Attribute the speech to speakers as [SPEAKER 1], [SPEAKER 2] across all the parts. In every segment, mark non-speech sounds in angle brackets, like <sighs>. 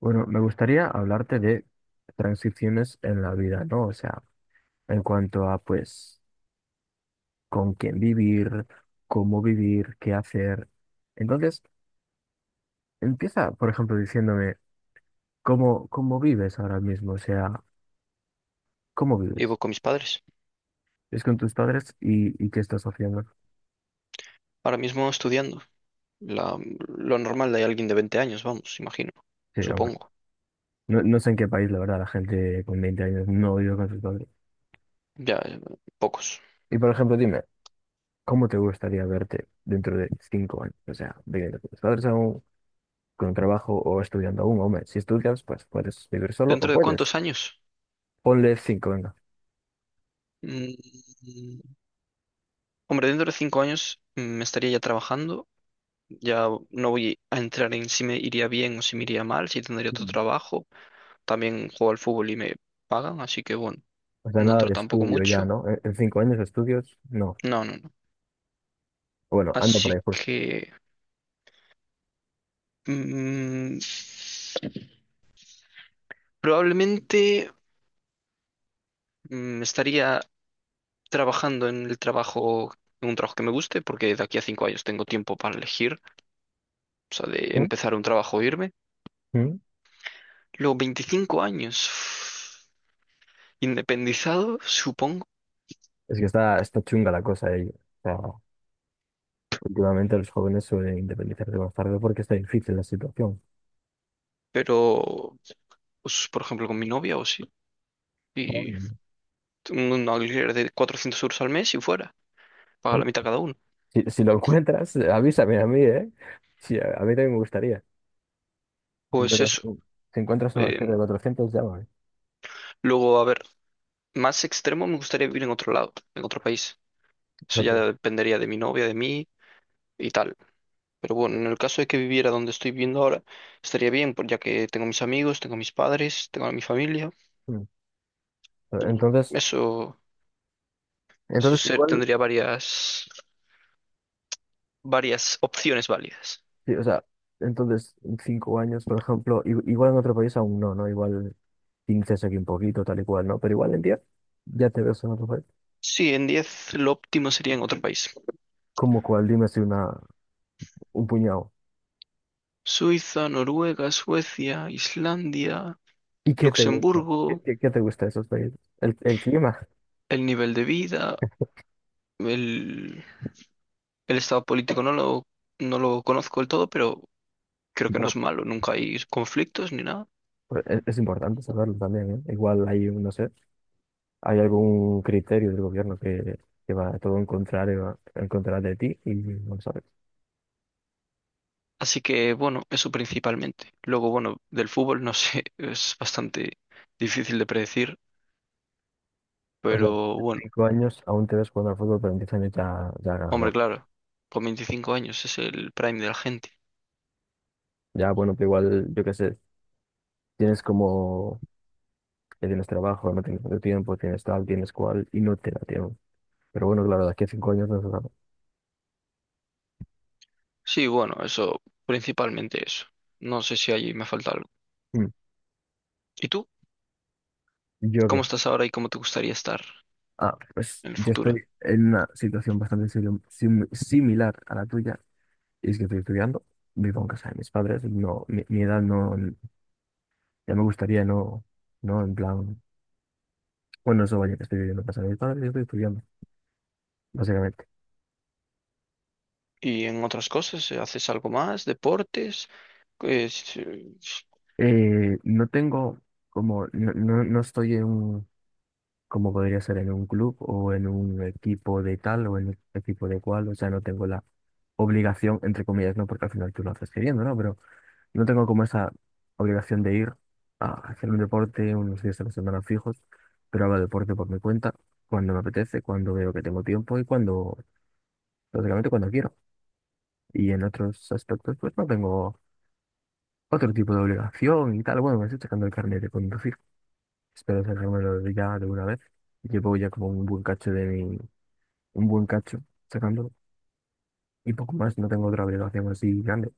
[SPEAKER 1] Bueno, me gustaría hablarte de transiciones en la vida, ¿no? O sea, en cuanto a, pues, con quién vivir, cómo vivir, qué hacer. Entonces, empieza, por ejemplo, diciéndome cómo vives ahora mismo, o sea, cómo vives.
[SPEAKER 2] Vivo con mis padres,
[SPEAKER 1] ¿Es con tus padres y qué estás haciendo?
[SPEAKER 2] ahora mismo estudiando. La- lo normal de alguien de 20 años, vamos, imagino,
[SPEAKER 1] Sí, hombre.
[SPEAKER 2] supongo.
[SPEAKER 1] No, no sé en qué país, la verdad, la gente con 20 años no vive con sus padres.
[SPEAKER 2] Ya, pocos.
[SPEAKER 1] Y, por ejemplo, dime, ¿cómo te gustaría verte dentro de 5 años? O sea, viviendo con tus padres aún, con un trabajo o estudiando aún, hombre. Si estudias, pues puedes vivir solo o
[SPEAKER 2] ¿Dentro de
[SPEAKER 1] puedes.
[SPEAKER 2] cuántos años?
[SPEAKER 1] Ponle cinco, venga.
[SPEAKER 2] Mm, Hombre, dentro de 5 años, me estaría ya trabajando. Ya no voy a entrar en si me iría bien o si me iría mal, si tendría otro
[SPEAKER 1] Mm.
[SPEAKER 2] trabajo. También juego al fútbol y me pagan, así que bueno,
[SPEAKER 1] O sea,
[SPEAKER 2] no
[SPEAKER 1] nada
[SPEAKER 2] entro
[SPEAKER 1] de
[SPEAKER 2] tampoco
[SPEAKER 1] estudio ya,
[SPEAKER 2] mucho.
[SPEAKER 1] ¿no? En 5 años de estudios, no.
[SPEAKER 2] No, no, no.
[SPEAKER 1] Bueno, ando por
[SPEAKER 2] Así
[SPEAKER 1] ahí, pues.
[SPEAKER 2] que mm, probablemente estaría trabajando en el trabajo, en un trabajo que me guste, porque de aquí a 5 años tengo tiempo para elegir, o sea, de
[SPEAKER 1] ¿No?
[SPEAKER 2] empezar un trabajo o irme.
[SPEAKER 1] ¿Mm?
[SPEAKER 2] Luego 25 años <sighs> independizado, supongo,
[SPEAKER 1] Es que está chunga la cosa ahí. O sea, últimamente los jóvenes suelen independizarse más tarde porque está difícil la situación.
[SPEAKER 2] pero pues, por ejemplo, con mi novia o sí,
[SPEAKER 1] Ah,
[SPEAKER 2] y
[SPEAKER 1] bueno.
[SPEAKER 2] un alquiler de 400 € al mes y fuera, paga la
[SPEAKER 1] Bueno,
[SPEAKER 2] mitad cada uno.
[SPEAKER 1] si, si lo encuentras, avísame a mí, ¿eh? Sí, a mí también me gustaría. Si
[SPEAKER 2] Pues
[SPEAKER 1] encuentras,
[SPEAKER 2] eso.
[SPEAKER 1] si encuentras una acción de
[SPEAKER 2] eh,
[SPEAKER 1] 400, llámame.
[SPEAKER 2] luego, a ver, más extremo, me gustaría vivir en otro lado, en otro país. Eso ya
[SPEAKER 1] Nosotros.
[SPEAKER 2] dependería de mi novia, de mí y tal. Pero bueno, en el caso de que viviera donde estoy viviendo ahora, estaría bien, ya que tengo mis amigos, tengo mis padres, tengo a mi familia.
[SPEAKER 1] Mm. Entonces,
[SPEAKER 2] Eso, eso,
[SPEAKER 1] entonces igual.
[SPEAKER 2] tendría varias opciones válidas.
[SPEAKER 1] Sí, o sea, entonces, en cinco años, por ejemplo, igual en otro país aún no, ¿no? Igual 15 es aquí un poquito, tal y cual, ¿no? Pero igual en 10 ya te ves en otro país.
[SPEAKER 2] Sí, en 10 lo óptimo sería en otro país.
[SPEAKER 1] ¿Cómo cuál? Dime si una, un puñado.
[SPEAKER 2] Suiza, Noruega, Suecia, Islandia,
[SPEAKER 1] ¿Y qué te gusta? ¿Qué,
[SPEAKER 2] Luxemburgo,
[SPEAKER 1] qué- qué te gusta de esos países? El clima. <laughs>
[SPEAKER 2] el nivel de vida, el, el estado político no lo conozco del todo, pero creo
[SPEAKER 1] Y,
[SPEAKER 2] que no
[SPEAKER 1] bueno,
[SPEAKER 2] es malo, nunca hay conflictos ni nada.
[SPEAKER 1] pues, es importante saberlo también, ¿eh? Igual hay, no sé, hay algún criterio del gobierno que va todo en contrario, en contra de ti y no lo sabes.
[SPEAKER 2] Así que bueno, eso principalmente. Luego, bueno, del fútbol no sé, <laughs> es bastante difícil de predecir,
[SPEAKER 1] O sea,
[SPEAKER 2] pero
[SPEAKER 1] en
[SPEAKER 2] bueno,
[SPEAKER 1] 5 años aún te ves jugando al fútbol, pero en 10 años ya, ya
[SPEAKER 2] hombre,
[SPEAKER 1] no.
[SPEAKER 2] claro, con 25 años es el prime de la gente.
[SPEAKER 1] Ya, bueno, pero igual, yo qué sé, tienes como, ya tienes trabajo, no tienes tanto tiempo, tienes tal, tienes cual, y no te da tiempo. Pero bueno, claro, de aquí a 5 años no se sabe.
[SPEAKER 2] Sí, bueno, eso, principalmente eso. No sé si allí me falta algo.
[SPEAKER 1] Mm.
[SPEAKER 2] ¿Y tú?
[SPEAKER 1] ¿Yo
[SPEAKER 2] ¿Cómo
[SPEAKER 1] qué?
[SPEAKER 2] estás ahora y cómo te gustaría estar
[SPEAKER 1] Ah, pues
[SPEAKER 2] en el
[SPEAKER 1] yo
[SPEAKER 2] futuro?
[SPEAKER 1] estoy en una situación bastante similar a la tuya, y es que estoy estudiando, vivo en casa de mis padres, no, mi edad no, ya me gustaría, no, no, en plan, bueno, eso vaya, que estoy viviendo en casa de mis padres y estoy estudiando, básicamente.
[SPEAKER 2] ¿Y en otras cosas? ¿Haces algo más? ¿Deportes? Pues, eh,
[SPEAKER 1] No tengo, como, no, no, no estoy en un como podría ser en un club o en un equipo de tal o en un equipo de cual, o sea, no tengo la obligación, entre comillas, no, porque al final tú lo haces queriendo, ¿no? Pero no tengo como esa obligación de ir a hacer un deporte unos días a la semana fijos, pero hago deporte por mi cuenta, cuando me apetece, cuando veo que tengo tiempo y cuando, básicamente cuando quiero. Y en otros aspectos, pues no tengo otro tipo de obligación y tal. Bueno, me estoy sacando el carnet de conducir, espero sacármelo ya de una vez. Llevo ya como un buen cacho sacándolo y poco más, no tengo otra obligación así grande.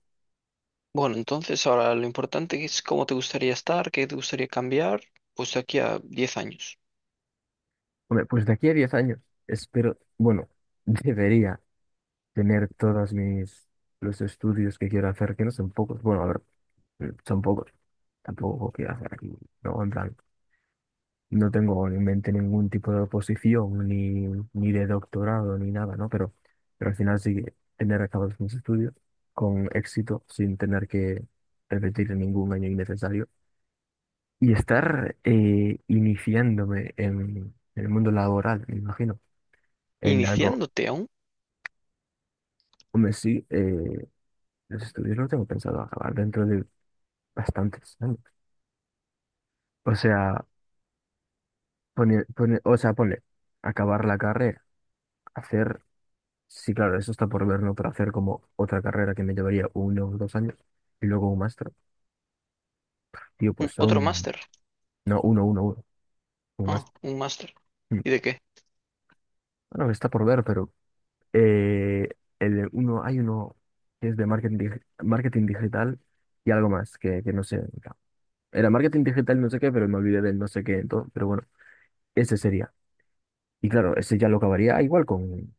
[SPEAKER 2] Bueno, entonces ahora lo importante es cómo te gustaría estar, qué te gustaría cambiar, pues de aquí a 10 años.
[SPEAKER 1] Hombre, pues de aquí a 10 años espero, bueno, <laughs> debería tener todos mis los estudios que quiero hacer, que no son pocos, bueno, a ver, son pocos, tampoco quiero hacer aquí, no, en plan, no tengo en mente ningún tipo de oposición, ni de doctorado, ni nada, ¿no? Pero al final sí que tener acabados mis estudios con éxito, sin tener que repetir ningún año innecesario. Y estar iniciándome en el mundo laboral, me imagino, en algo.
[SPEAKER 2] Iniciándote a
[SPEAKER 1] Hombre, sí, los estudios los tengo pensado acabar dentro de bastantes años. O sea, o sea, ponle, acabar la carrera, hacer, sí, claro, eso está por ver, ¿no? Pero hacer como otra carrera que me llevaría 1 o 2 años y luego un máster. Tío, pues
[SPEAKER 2] otro
[SPEAKER 1] son,
[SPEAKER 2] máster.
[SPEAKER 1] no, un
[SPEAKER 2] Ah,
[SPEAKER 1] máster.
[SPEAKER 2] un máster.
[SPEAKER 1] Mm.
[SPEAKER 2] ¿Y de qué?
[SPEAKER 1] Bueno, está por ver, pero eh, el, uno, hay uno que es de marketing, marketing digital y algo más, que no sé. Claro. Era marketing digital, no sé qué, pero me olvidé del no sé qué, entonces, pero bueno, ese sería. Y claro, ese ya lo acabaría igual con,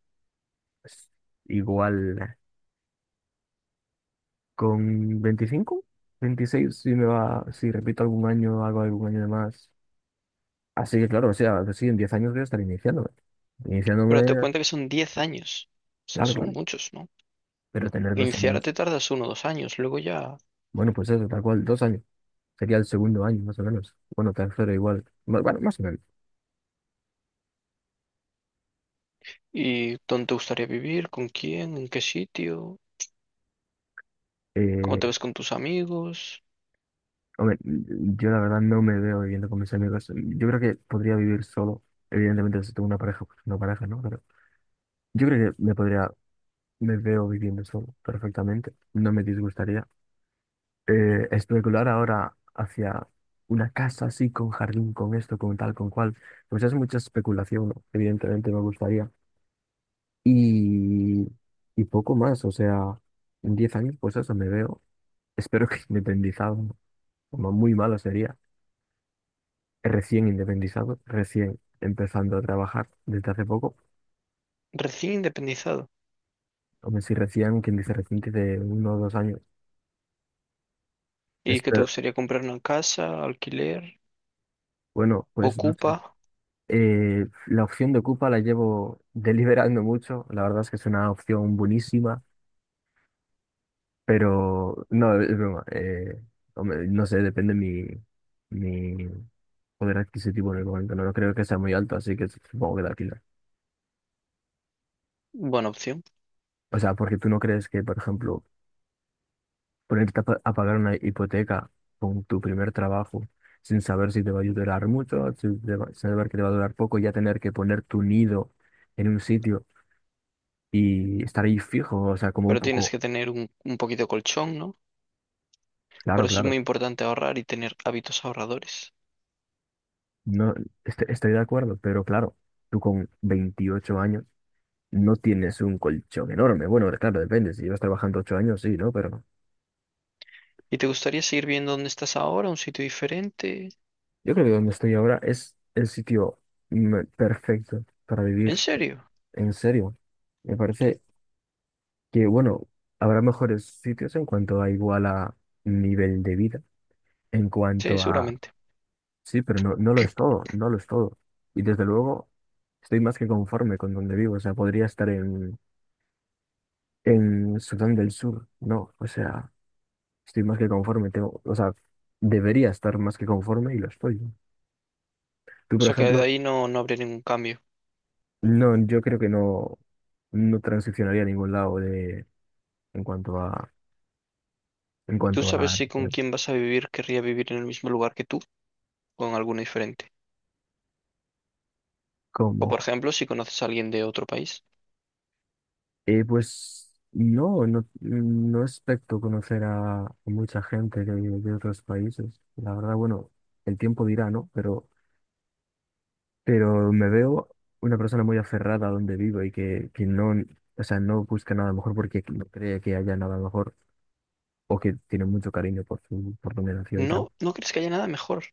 [SPEAKER 1] pues, igual con 25 26 si me va, si repito algún año, hago algún año de más. Así que claro, o sea, pues sí, en 10 años voy a estar iniciándome.
[SPEAKER 2] Pero te
[SPEAKER 1] Iniciándome,
[SPEAKER 2] cuenta que son 10 años. O sea,
[SPEAKER 1] claro,
[SPEAKER 2] son
[SPEAKER 1] claro,
[SPEAKER 2] muchos, ¿no?
[SPEAKER 1] pero tener 2 años,
[SPEAKER 2] Iniciarte tardas uno o dos años, luego ya.
[SPEAKER 1] bueno, pues eso, tal cual, 2 años. Sería el segundo año, más o menos. Bueno, tercero igual. Bueno, más o menos.
[SPEAKER 2] ¿Y dónde te gustaría vivir? ¿Con quién? ¿En qué sitio? ¿Cómo
[SPEAKER 1] Eh,
[SPEAKER 2] te ves con tus amigos?
[SPEAKER 1] Hombre, yo la verdad no me veo viviendo con mis amigos. Yo creo que podría vivir solo. Evidentemente, si tengo una pareja, pues una pareja, ¿no? Pero yo creo que me podría, me veo viviendo solo perfectamente. No me disgustaría. Especular ahora hacia una casa así, con jardín, con esto, con tal, con cual, pues es mucha especulación, ¿no? Evidentemente me gustaría. Y, y poco más, o sea, en 10 años, pues eso me veo. Espero que <laughs> independizado, como muy malo sería, recién independizado, recién empezando a trabajar desde hace poco,
[SPEAKER 2] Recién independizado.
[SPEAKER 1] o si recién, quien dice reciente, de 1 o 2 años.
[SPEAKER 2] ¿Y qué te
[SPEAKER 1] Espero,
[SPEAKER 2] gustaría, comprar una casa, alquiler?
[SPEAKER 1] bueno, pues no sé.
[SPEAKER 2] ¿Ocupa?
[SPEAKER 1] La opción de Ocupa la llevo <laughs> deliberando mucho, la verdad es que es una opción buenísima, pero no, es broma, hombre, no sé, depende mi, mi poder adquisitivo en el momento, no, no creo que sea muy alto, así que supongo que la alquiler.
[SPEAKER 2] Buena opción.
[SPEAKER 1] O sea, porque tú no crees que, por ejemplo, ponerte a a pagar una hipoteca con tu primer trabajo sin saber si te va a durar mucho, si te saber que te va a durar poco, ya tener que poner tu nido en un sitio y estar ahí fijo, o sea, como un
[SPEAKER 2] Pero tienes
[SPEAKER 1] poco,
[SPEAKER 2] que tener un poquito de colchón, ¿no? Por
[SPEAKER 1] claro,
[SPEAKER 2] eso es muy
[SPEAKER 1] claro,
[SPEAKER 2] importante ahorrar y tener hábitos ahorradores.
[SPEAKER 1] no estoy de acuerdo, pero claro, tú con 28 años no tienes un colchón enorme. Bueno, claro, depende, si llevas trabajando 8 años, sí, ¿no? Pero
[SPEAKER 2] ¿Y te gustaría seguir viendo dónde estás ahora, un sitio diferente?
[SPEAKER 1] yo creo que donde estoy ahora es el sitio perfecto para
[SPEAKER 2] ¿En
[SPEAKER 1] vivir,
[SPEAKER 2] serio?
[SPEAKER 1] en serio. Me
[SPEAKER 2] Tío.
[SPEAKER 1] parece que bueno, habrá mejores sitios en cuanto a igual a nivel de vida, en
[SPEAKER 2] Sí,
[SPEAKER 1] cuanto a...
[SPEAKER 2] seguramente.
[SPEAKER 1] Sí, pero no, no lo es
[SPEAKER 2] <clears throat>
[SPEAKER 1] todo, no lo es todo. Y desde luego estoy más que conforme con donde vivo, o sea, podría estar en Sudán del Sur, no, o sea, estoy más que conforme, tengo, o sea, debería estar más que conforme y lo estoy. ¿No? Tú,
[SPEAKER 2] O
[SPEAKER 1] por
[SPEAKER 2] sea que de
[SPEAKER 1] ejemplo,
[SPEAKER 2] ahí no habría ningún cambio.
[SPEAKER 1] no, yo creo que no, no transicionaría a ningún lado de, en cuanto a, en
[SPEAKER 2] ¿Tú
[SPEAKER 1] cuanto
[SPEAKER 2] sabes
[SPEAKER 1] a,
[SPEAKER 2] si con quién vas a vivir querría vivir en el mismo lugar que tú o en alguno diferente? O,
[SPEAKER 1] ¿cómo?
[SPEAKER 2] por ejemplo, si conoces a alguien de otro país.
[SPEAKER 1] Pues no, no, no expecto conocer a mucha gente de, otros países. La verdad, bueno, el tiempo dirá, ¿no? Pero me veo una persona muy aferrada a donde vivo y que no, o sea, no busca nada mejor porque no cree que haya nada mejor o que tiene mucho cariño por su, por donde nació y tal.
[SPEAKER 2] No, no crees que haya nada mejor.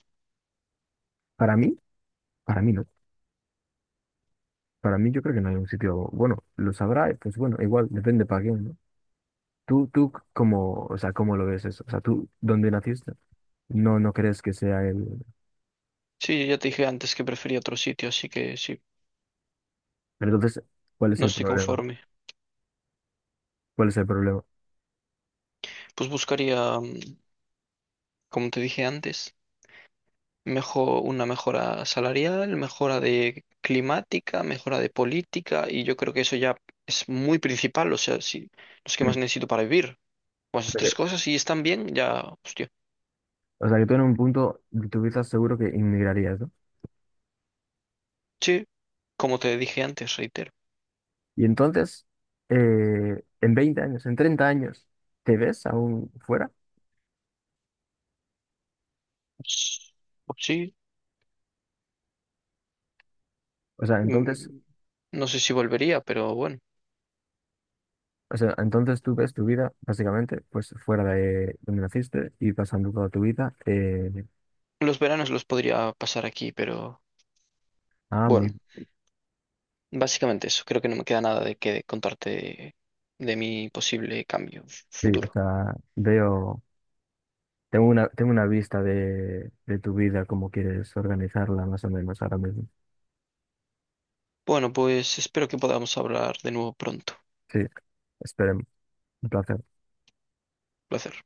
[SPEAKER 1] Para mí, para mí no. Para mí yo creo que no hay un sitio, bueno, lo sabrá, y pues bueno, igual, depende para quién, ¿no? Tú, ¿cómo, o sea, cómo lo ves eso? O sea, tú, ¿dónde naciste? No, no crees que sea él.
[SPEAKER 2] Sí, yo ya te dije antes que prefería otro sitio, así que sí,
[SPEAKER 1] Pero entonces, ¿cuál es
[SPEAKER 2] no
[SPEAKER 1] el
[SPEAKER 2] estoy
[SPEAKER 1] problema?
[SPEAKER 2] conforme.
[SPEAKER 1] ¿Cuál es el problema?
[SPEAKER 2] Pues buscaría, como te dije antes, mejor, una mejora salarial, mejora de climática, mejora de política, y yo creo que eso ya es muy principal, o sea, si, los que más
[SPEAKER 1] Mm.
[SPEAKER 2] necesito para vivir. Pues
[SPEAKER 1] O
[SPEAKER 2] esas
[SPEAKER 1] sea
[SPEAKER 2] tres
[SPEAKER 1] que,
[SPEAKER 2] cosas, si están bien, ya, hostia.
[SPEAKER 1] o sea que tú en un punto de tu vida seguro que inmigrarías, ¿no?
[SPEAKER 2] Sí, como te dije antes, reitero.
[SPEAKER 1] Y entonces, en 20 años, en 30 años, ¿te ves aún fuera?
[SPEAKER 2] Pues pues sí,
[SPEAKER 1] O sea, entonces,
[SPEAKER 2] mm, no sé si volvería, pero bueno.
[SPEAKER 1] o sea, entonces tú ves tu vida básicamente pues fuera de donde naciste y pasando toda tu vida.
[SPEAKER 2] Los veranos los podría pasar aquí, pero
[SPEAKER 1] Ah,
[SPEAKER 2] bueno,
[SPEAKER 1] mi-
[SPEAKER 2] básicamente eso. Creo que no me queda nada de que contarte de mi posible cambio
[SPEAKER 1] sí, o
[SPEAKER 2] futuro.
[SPEAKER 1] sea, veo, tengo una vista de tu vida, cómo quieres organizarla más o menos ahora mismo.
[SPEAKER 2] Bueno, pues espero que podamos hablar de nuevo pronto.
[SPEAKER 1] Sí, esperemos. Un placer.
[SPEAKER 2] Placer.